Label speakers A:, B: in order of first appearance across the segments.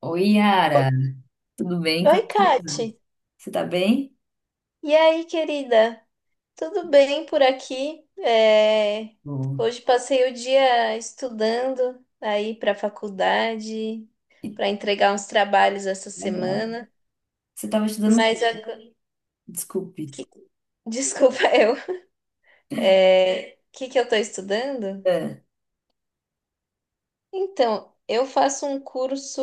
A: Oi, Yara, tudo bem? Como
B: Oi,
A: é que você tá?
B: Kati.
A: Você tá bem?
B: E aí, querida? Tudo bem por aqui? É,
A: Bom.
B: Hoje passei o dia estudando aí para a faculdade,
A: Ih,
B: para entregar uns trabalhos essa
A: legal.
B: semana.
A: Você tava estudando o quê?
B: Mas agora...
A: Desculpe.
B: que- Desculpa, eu. O que que eu estou estudando?
A: É.
B: Então, eu faço um curso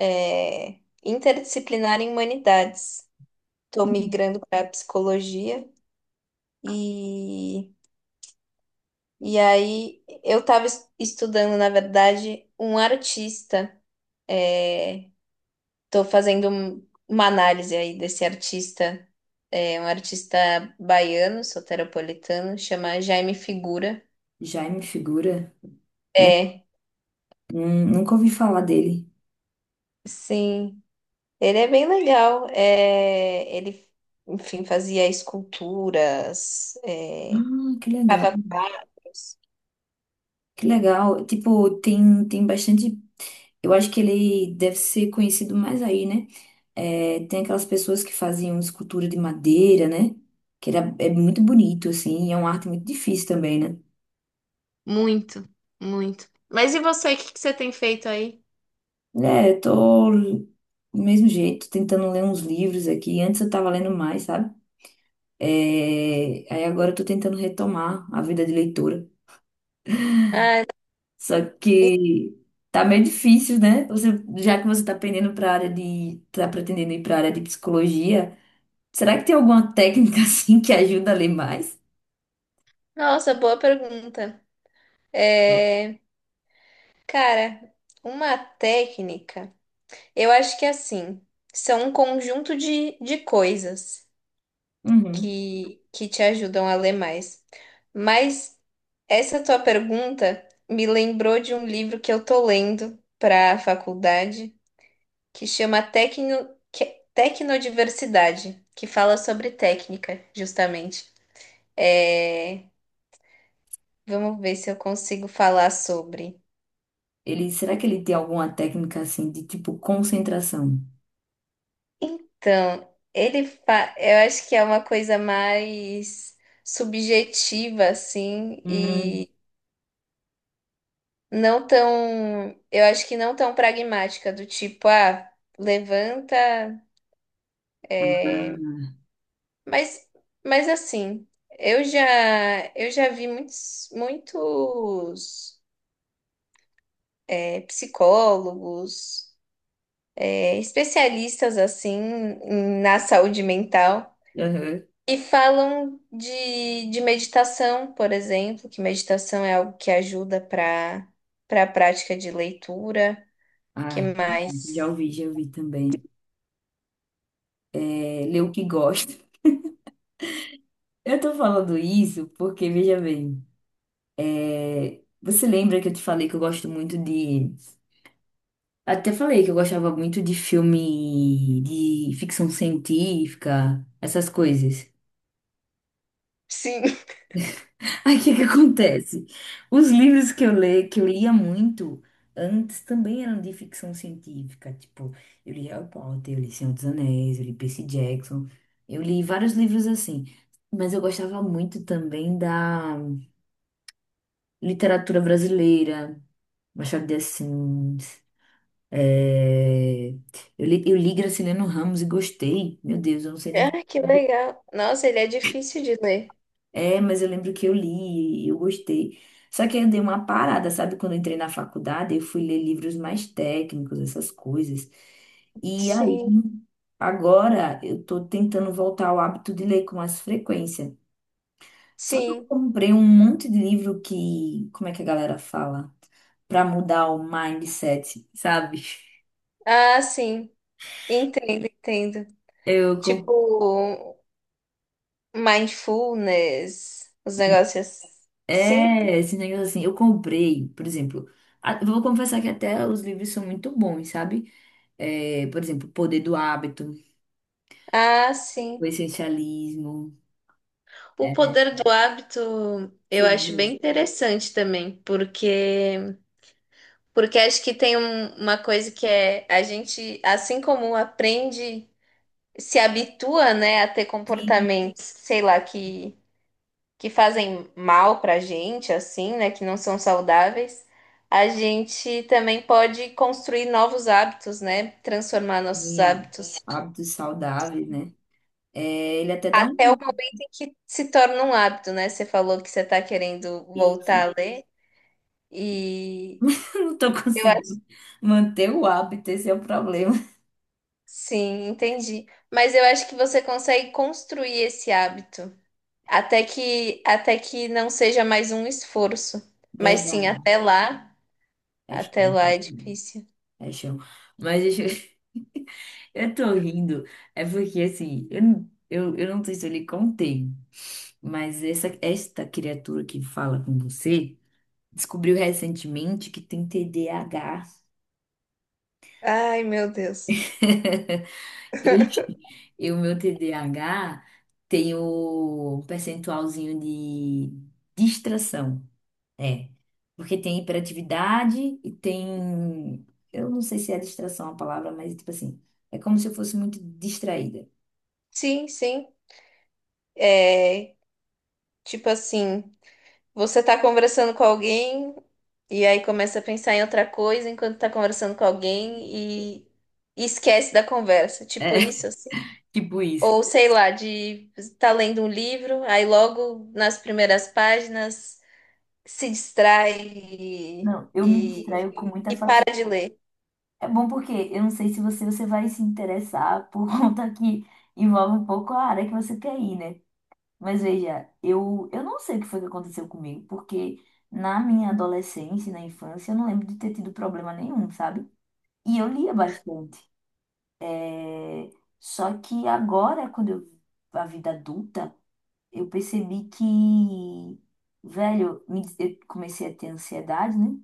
B: é, interdisciplinar em humanidades. Estou migrando para psicologia e E aí eu estava estudando, na verdade, um artista. Estou fazendo uma análise aí desse artista, um artista baiano, soteropolitano, chama Jaime Figura.
A: Jaime Figura? Nu-
B: É,
A: Nunca ouvi falar dele.
B: sim, ele é bem legal. É, ele, enfim, fazia esculturas,
A: Ah, que legal.
B: Tava quadros.
A: Que legal. Tipo, tem bastante. Eu acho que ele deve ser conhecido mais aí, né? É, tem aquelas pessoas que faziam escultura de madeira, né? É muito bonito, assim, e é uma arte muito difícil também, né?
B: Muito, muito. Mas e você, o que que você tem feito aí?
A: É, eu tô do mesmo jeito, tentando ler uns livros aqui. Antes eu tava lendo mais, sabe? Aí agora eu tô tentando retomar a vida de leitura.
B: Ah,
A: Só que tá meio difícil, né? Já que você tá pendendo pra área tá pretendendo ir pra área de psicologia, será que tem alguma técnica assim que ajuda a ler mais?
B: nossa, boa pergunta. É, cara, uma técnica, eu acho que assim, são um conjunto de coisas
A: Uhum.
B: que te ajudam a ler mais. Mas essa tua pergunta me lembrou de um livro que eu tô lendo para a faculdade, que chama Tecnodiversidade, que fala sobre técnica, justamente. É, vamos ver se eu consigo falar sobre.
A: Ele, será que ele tem alguma técnica assim de tipo concentração?
B: Então, eu acho que é uma coisa mais subjetiva, assim,
A: Hum.
B: e não tão, eu acho que não tão pragmática, do tipo, ah, levanta,
A: Ah,
B: mas, mas assim, eu já, eu já vi muitos, muitos psicólogos, especialistas, assim, na saúde mental.
A: aham.
B: E falam de meditação, por exemplo, que meditação é algo que ajuda para a prática de leitura. Que
A: Ah,
B: mais?
A: já ouvi também. É, ler o que gosta. Eu tô falando isso porque, veja bem, você lembra que eu te falei que eu gosto muito de. Até falei que eu gostava muito de filme de ficção científica, essas coisas.
B: Sim.
A: Aí o que que acontece? Os livros que eu leio, que eu lia muito antes também eram de ficção científica. Tipo, eu li Harry Potter, eu li Senhor dos Anéis, eu li Percy Jackson, eu li vários livros assim. Mas eu gostava muito também da literatura brasileira, Machado de Assis. é, eu li Graciliano Ramos e gostei. Meu Deus, eu não sei nem
B: Ah,
A: como.
B: que legal. Nossa, ele é difícil de ler.
A: É, mas eu lembro que eu li e eu gostei. Só que aí eu dei uma parada, sabe? Quando eu entrei na faculdade, eu fui ler livros mais técnicos, essas coisas. E aí,
B: Sim,
A: agora eu tô tentando voltar ao hábito de ler com mais frequência. Só que eu
B: sim.
A: comprei um monte de livro que, como é que a galera fala? Pra mudar o mindset, sabe?
B: Ah, sim. Entendo, entendo.
A: Eu com-
B: Tipo, mindfulness, os negócios. Sim.
A: Esse negócio assim, eu comprei, por exemplo, vou confessar que até os livros são muito bons, sabe? É, por exemplo, Poder do Hábito,
B: Ah,
A: O
B: sim.
A: Essencialismo,
B: O
A: é,
B: poder do hábito eu
A: vocês
B: acho bem
A: leu?
B: interessante também, porque porque acho que tem uma coisa que é a gente, assim como aprende, se habitua, né, a ter
A: Sim,
B: comportamentos, sei lá, que fazem mal pra gente, assim, né, que não são saudáveis, a gente também pode construir novos hábitos, né, transformar nossos
A: sim,
B: hábitos.
A: Hábitos Saudáveis, né? É, ele até dá
B: Até o
A: um...
B: momento em que se torna um hábito, né? Você falou que você está querendo
A: Isso,
B: voltar a ler e
A: eu não tô
B: eu acho.
A: conseguindo manter o hábito, esse é o problema.
B: Sim, entendi. Mas eu acho que você consegue construir esse hábito até que não seja mais um esforço. Mas sim,
A: Verdade.
B: até
A: Paixão.
B: lá é difícil.
A: Paixão. Mas deixa eu... eu tô rindo. É porque, assim, eu não sei se eu lhe contei, mas esta criatura que fala com você descobriu recentemente que tem TDAH.
B: Ai, meu Deus.
A: E, e o meu TDAH tem o percentualzinho de distração. É, porque tem hiperatividade e tem. Eu não sei se é distração a palavra, mas tipo assim, é como se eu fosse muito distraída.
B: Sim, sim. É, tipo assim, você tá conversando com alguém e aí começa a pensar em outra coisa enquanto tá conversando com alguém e, e esquece da conversa.
A: É,
B: Tipo isso, assim.
A: tipo isso.
B: Ou sei lá, de estar lendo um livro, aí logo nas primeiras páginas se distrai e,
A: Não, eu me distraio com muita
B: e para
A: facilidade.
B: de ler.
A: É bom porque eu não sei se você, você vai se interessar por conta que envolve um pouco a área que você quer ir, né? Mas veja, eu não sei o que foi que aconteceu comigo, porque na minha adolescência, e na infância, eu não lembro de ter tido problema nenhum, sabe? E eu lia bastante. É, só que agora, quando eu, a vida adulta, eu percebi que, velho, eu comecei a ter ansiedade, né?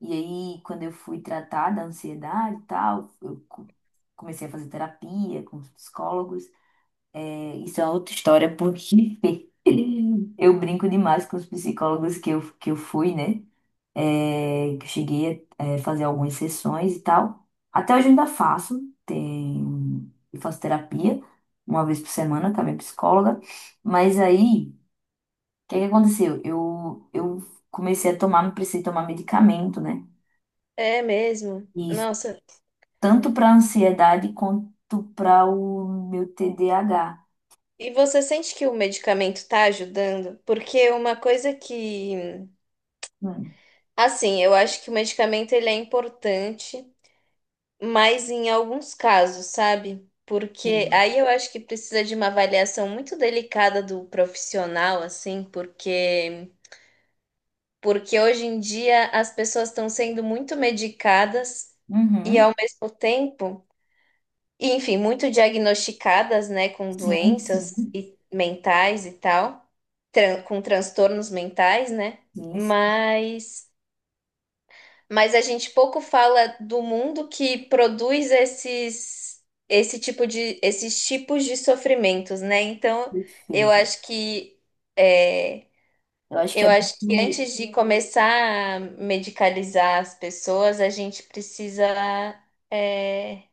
A: E aí, quando eu fui tratar da ansiedade e tal, comecei a fazer terapia com os psicólogos. É, isso é outra história, porque eu brinco demais com os psicólogos que eu fui, né? É, cheguei a fazer algumas sessões e tal. Até hoje eu ainda faço, tem, eu faço terapia uma vez por semana com a minha psicóloga. Mas aí, o que que aconteceu? Eu comecei a tomar, precisei tomar medicamento, né?
B: É mesmo.
A: E isso
B: Nossa.
A: tanto para ansiedade quanto para o meu TDAH.
B: E você sente que o medicamento está ajudando? Porque uma coisa que,
A: Hum,
B: assim, eu acho que o medicamento ele é importante, mas em alguns casos, sabe? Porque
A: sim.
B: aí eu acho que precisa de uma avaliação muito delicada do profissional, assim, porque porque hoje em dia as pessoas estão sendo muito medicadas e
A: Uhum.
B: ao mesmo tempo, e, enfim, muito diagnosticadas, né, com
A: Sim, sim,
B: doenças e mentais e tal, com transtornos mentais, né?
A: sim, sim,
B: Mas mas a gente pouco fala do mundo que produz esse tipo de esses tipos de sofrimentos, né? Então, eu
A: perfeito.
B: acho que é,
A: Eu acho que
B: eu
A: é
B: acho que
A: muito
B: antes de começar a medicalizar as pessoas, a gente precisa, é,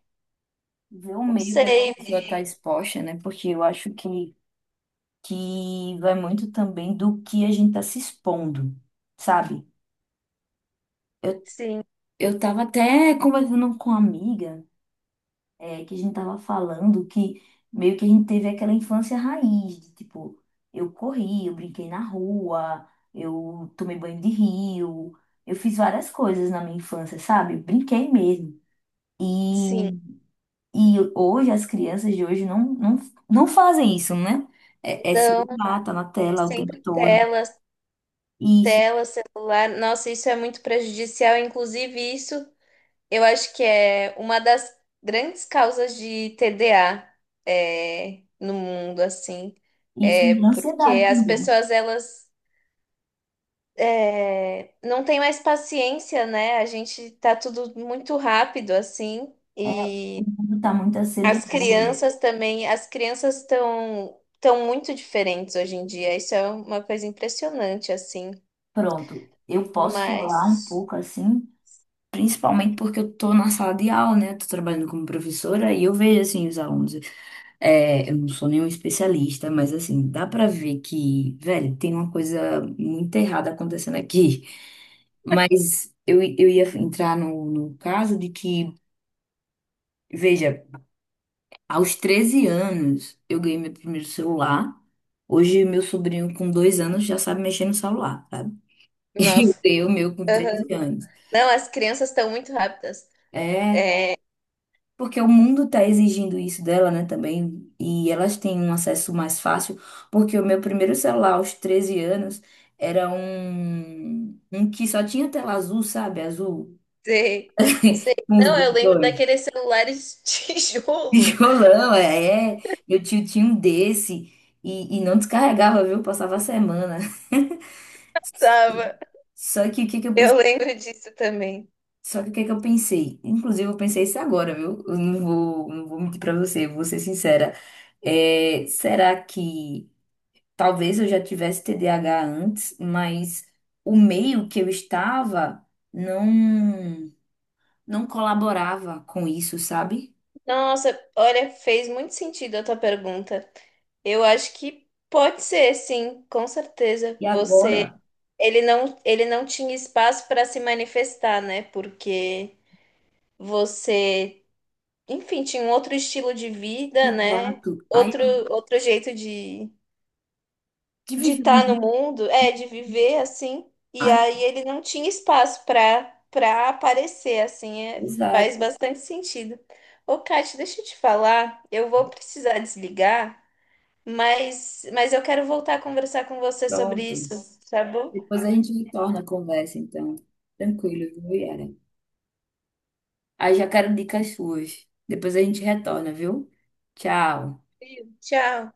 A: ver o
B: não
A: meio que a
B: sei,
A: pessoa está exposta, né? Porque eu acho que vai muito também do que a gente tá se expondo, sabe? Eu,
B: sim,
A: eu tava até conversando com uma amiga, que a gente tava falando que meio que a gente teve aquela infância raiz, de, tipo, eu corri, eu brinquei na rua, eu tomei banho de rio, eu fiz várias coisas na minha infância, sabe? Eu brinquei mesmo. E,
B: sim,
A: e hoje as crianças de hoje não fazem isso, né? É, é
B: não,
A: celular, tá na tela o tempo
B: sempre
A: todo.
B: telas,
A: Isso.
B: tela, celular. Nossa, isso é muito prejudicial. Inclusive, isso eu acho que é uma das grandes causas de TDA, no mundo, assim,
A: Isso
B: é
A: me dá
B: porque
A: ansiedade
B: as
A: também. Né?
B: pessoas elas não tem mais paciência, né? A gente tá tudo muito rápido assim
A: É, o
B: e
A: mundo está muito
B: as
A: acelerado.
B: crianças também, as crianças estão muito diferentes hoje em dia. Isso é uma coisa impressionante assim,
A: Pronto, eu posso falar um
B: mas
A: pouco assim, principalmente porque eu estou na sala de aula, né? Estou trabalhando como professora e eu vejo assim os alunos. É, eu não sou nenhum especialista, mas assim, dá pra ver que, velho, tem uma coisa muito errada acontecendo aqui. Mas eu ia entrar no caso de que, veja. Aos 13 anos, eu ganhei meu primeiro celular. Hoje, meu sobrinho com 2 anos já sabe mexer no celular, sabe?
B: nossa,
A: Eu, meu, com 13
B: aham.
A: anos.
B: Não, as crianças estão muito rápidas.
A: É,
B: É,
A: porque o mundo tá exigindo isso dela, né, também. E elas têm um acesso mais fácil, porque o meu primeiro celular aos 13 anos era um que só tinha tela azul, sabe? Azul,
B: sei, sei.
A: com os
B: Não, eu lembro
A: botões.
B: daqueles celulares de tijolo.
A: Tijolão, é. Meu tio tinha um desse. E não descarregava, viu? Passava a semana.
B: Tava.
A: Só que o que que eu
B: Eu
A: pensei,
B: lembro disso também.
A: só que o que que eu pensei? Inclusive eu pensei isso agora, viu? Eu não vou, não vou mentir pra você, eu vou ser sincera. É, será que talvez eu já tivesse TDAH antes, mas o meio que eu estava não não colaborava com isso, sabe?
B: Nossa, olha, fez muito sentido a tua pergunta. Eu acho que pode ser, sim, com certeza.
A: E
B: Você,
A: agora,
B: ele não tinha espaço para se manifestar, né? Porque você, enfim, tinha um outro estilo de vida, né?
A: exato. Aí
B: Outro,
A: eu
B: outro jeito
A: tive
B: de estar no
A: vivendo,
B: mundo, de viver assim. E
A: aí,
B: aí ele não tinha espaço para aparecer assim, é, faz
A: exato,
B: bastante sentido. Ô, Kate, deixa eu te falar, eu vou precisar desligar, mas eu quero voltar a conversar com você sobre isso,
A: pronto.
B: tá bom?
A: Depois a gente retorna a conversa, então. Tranquilo, viu, Yara? Aí já quero dicas suas. Depois a gente retorna, viu? Tchau.
B: Sim. Tchau.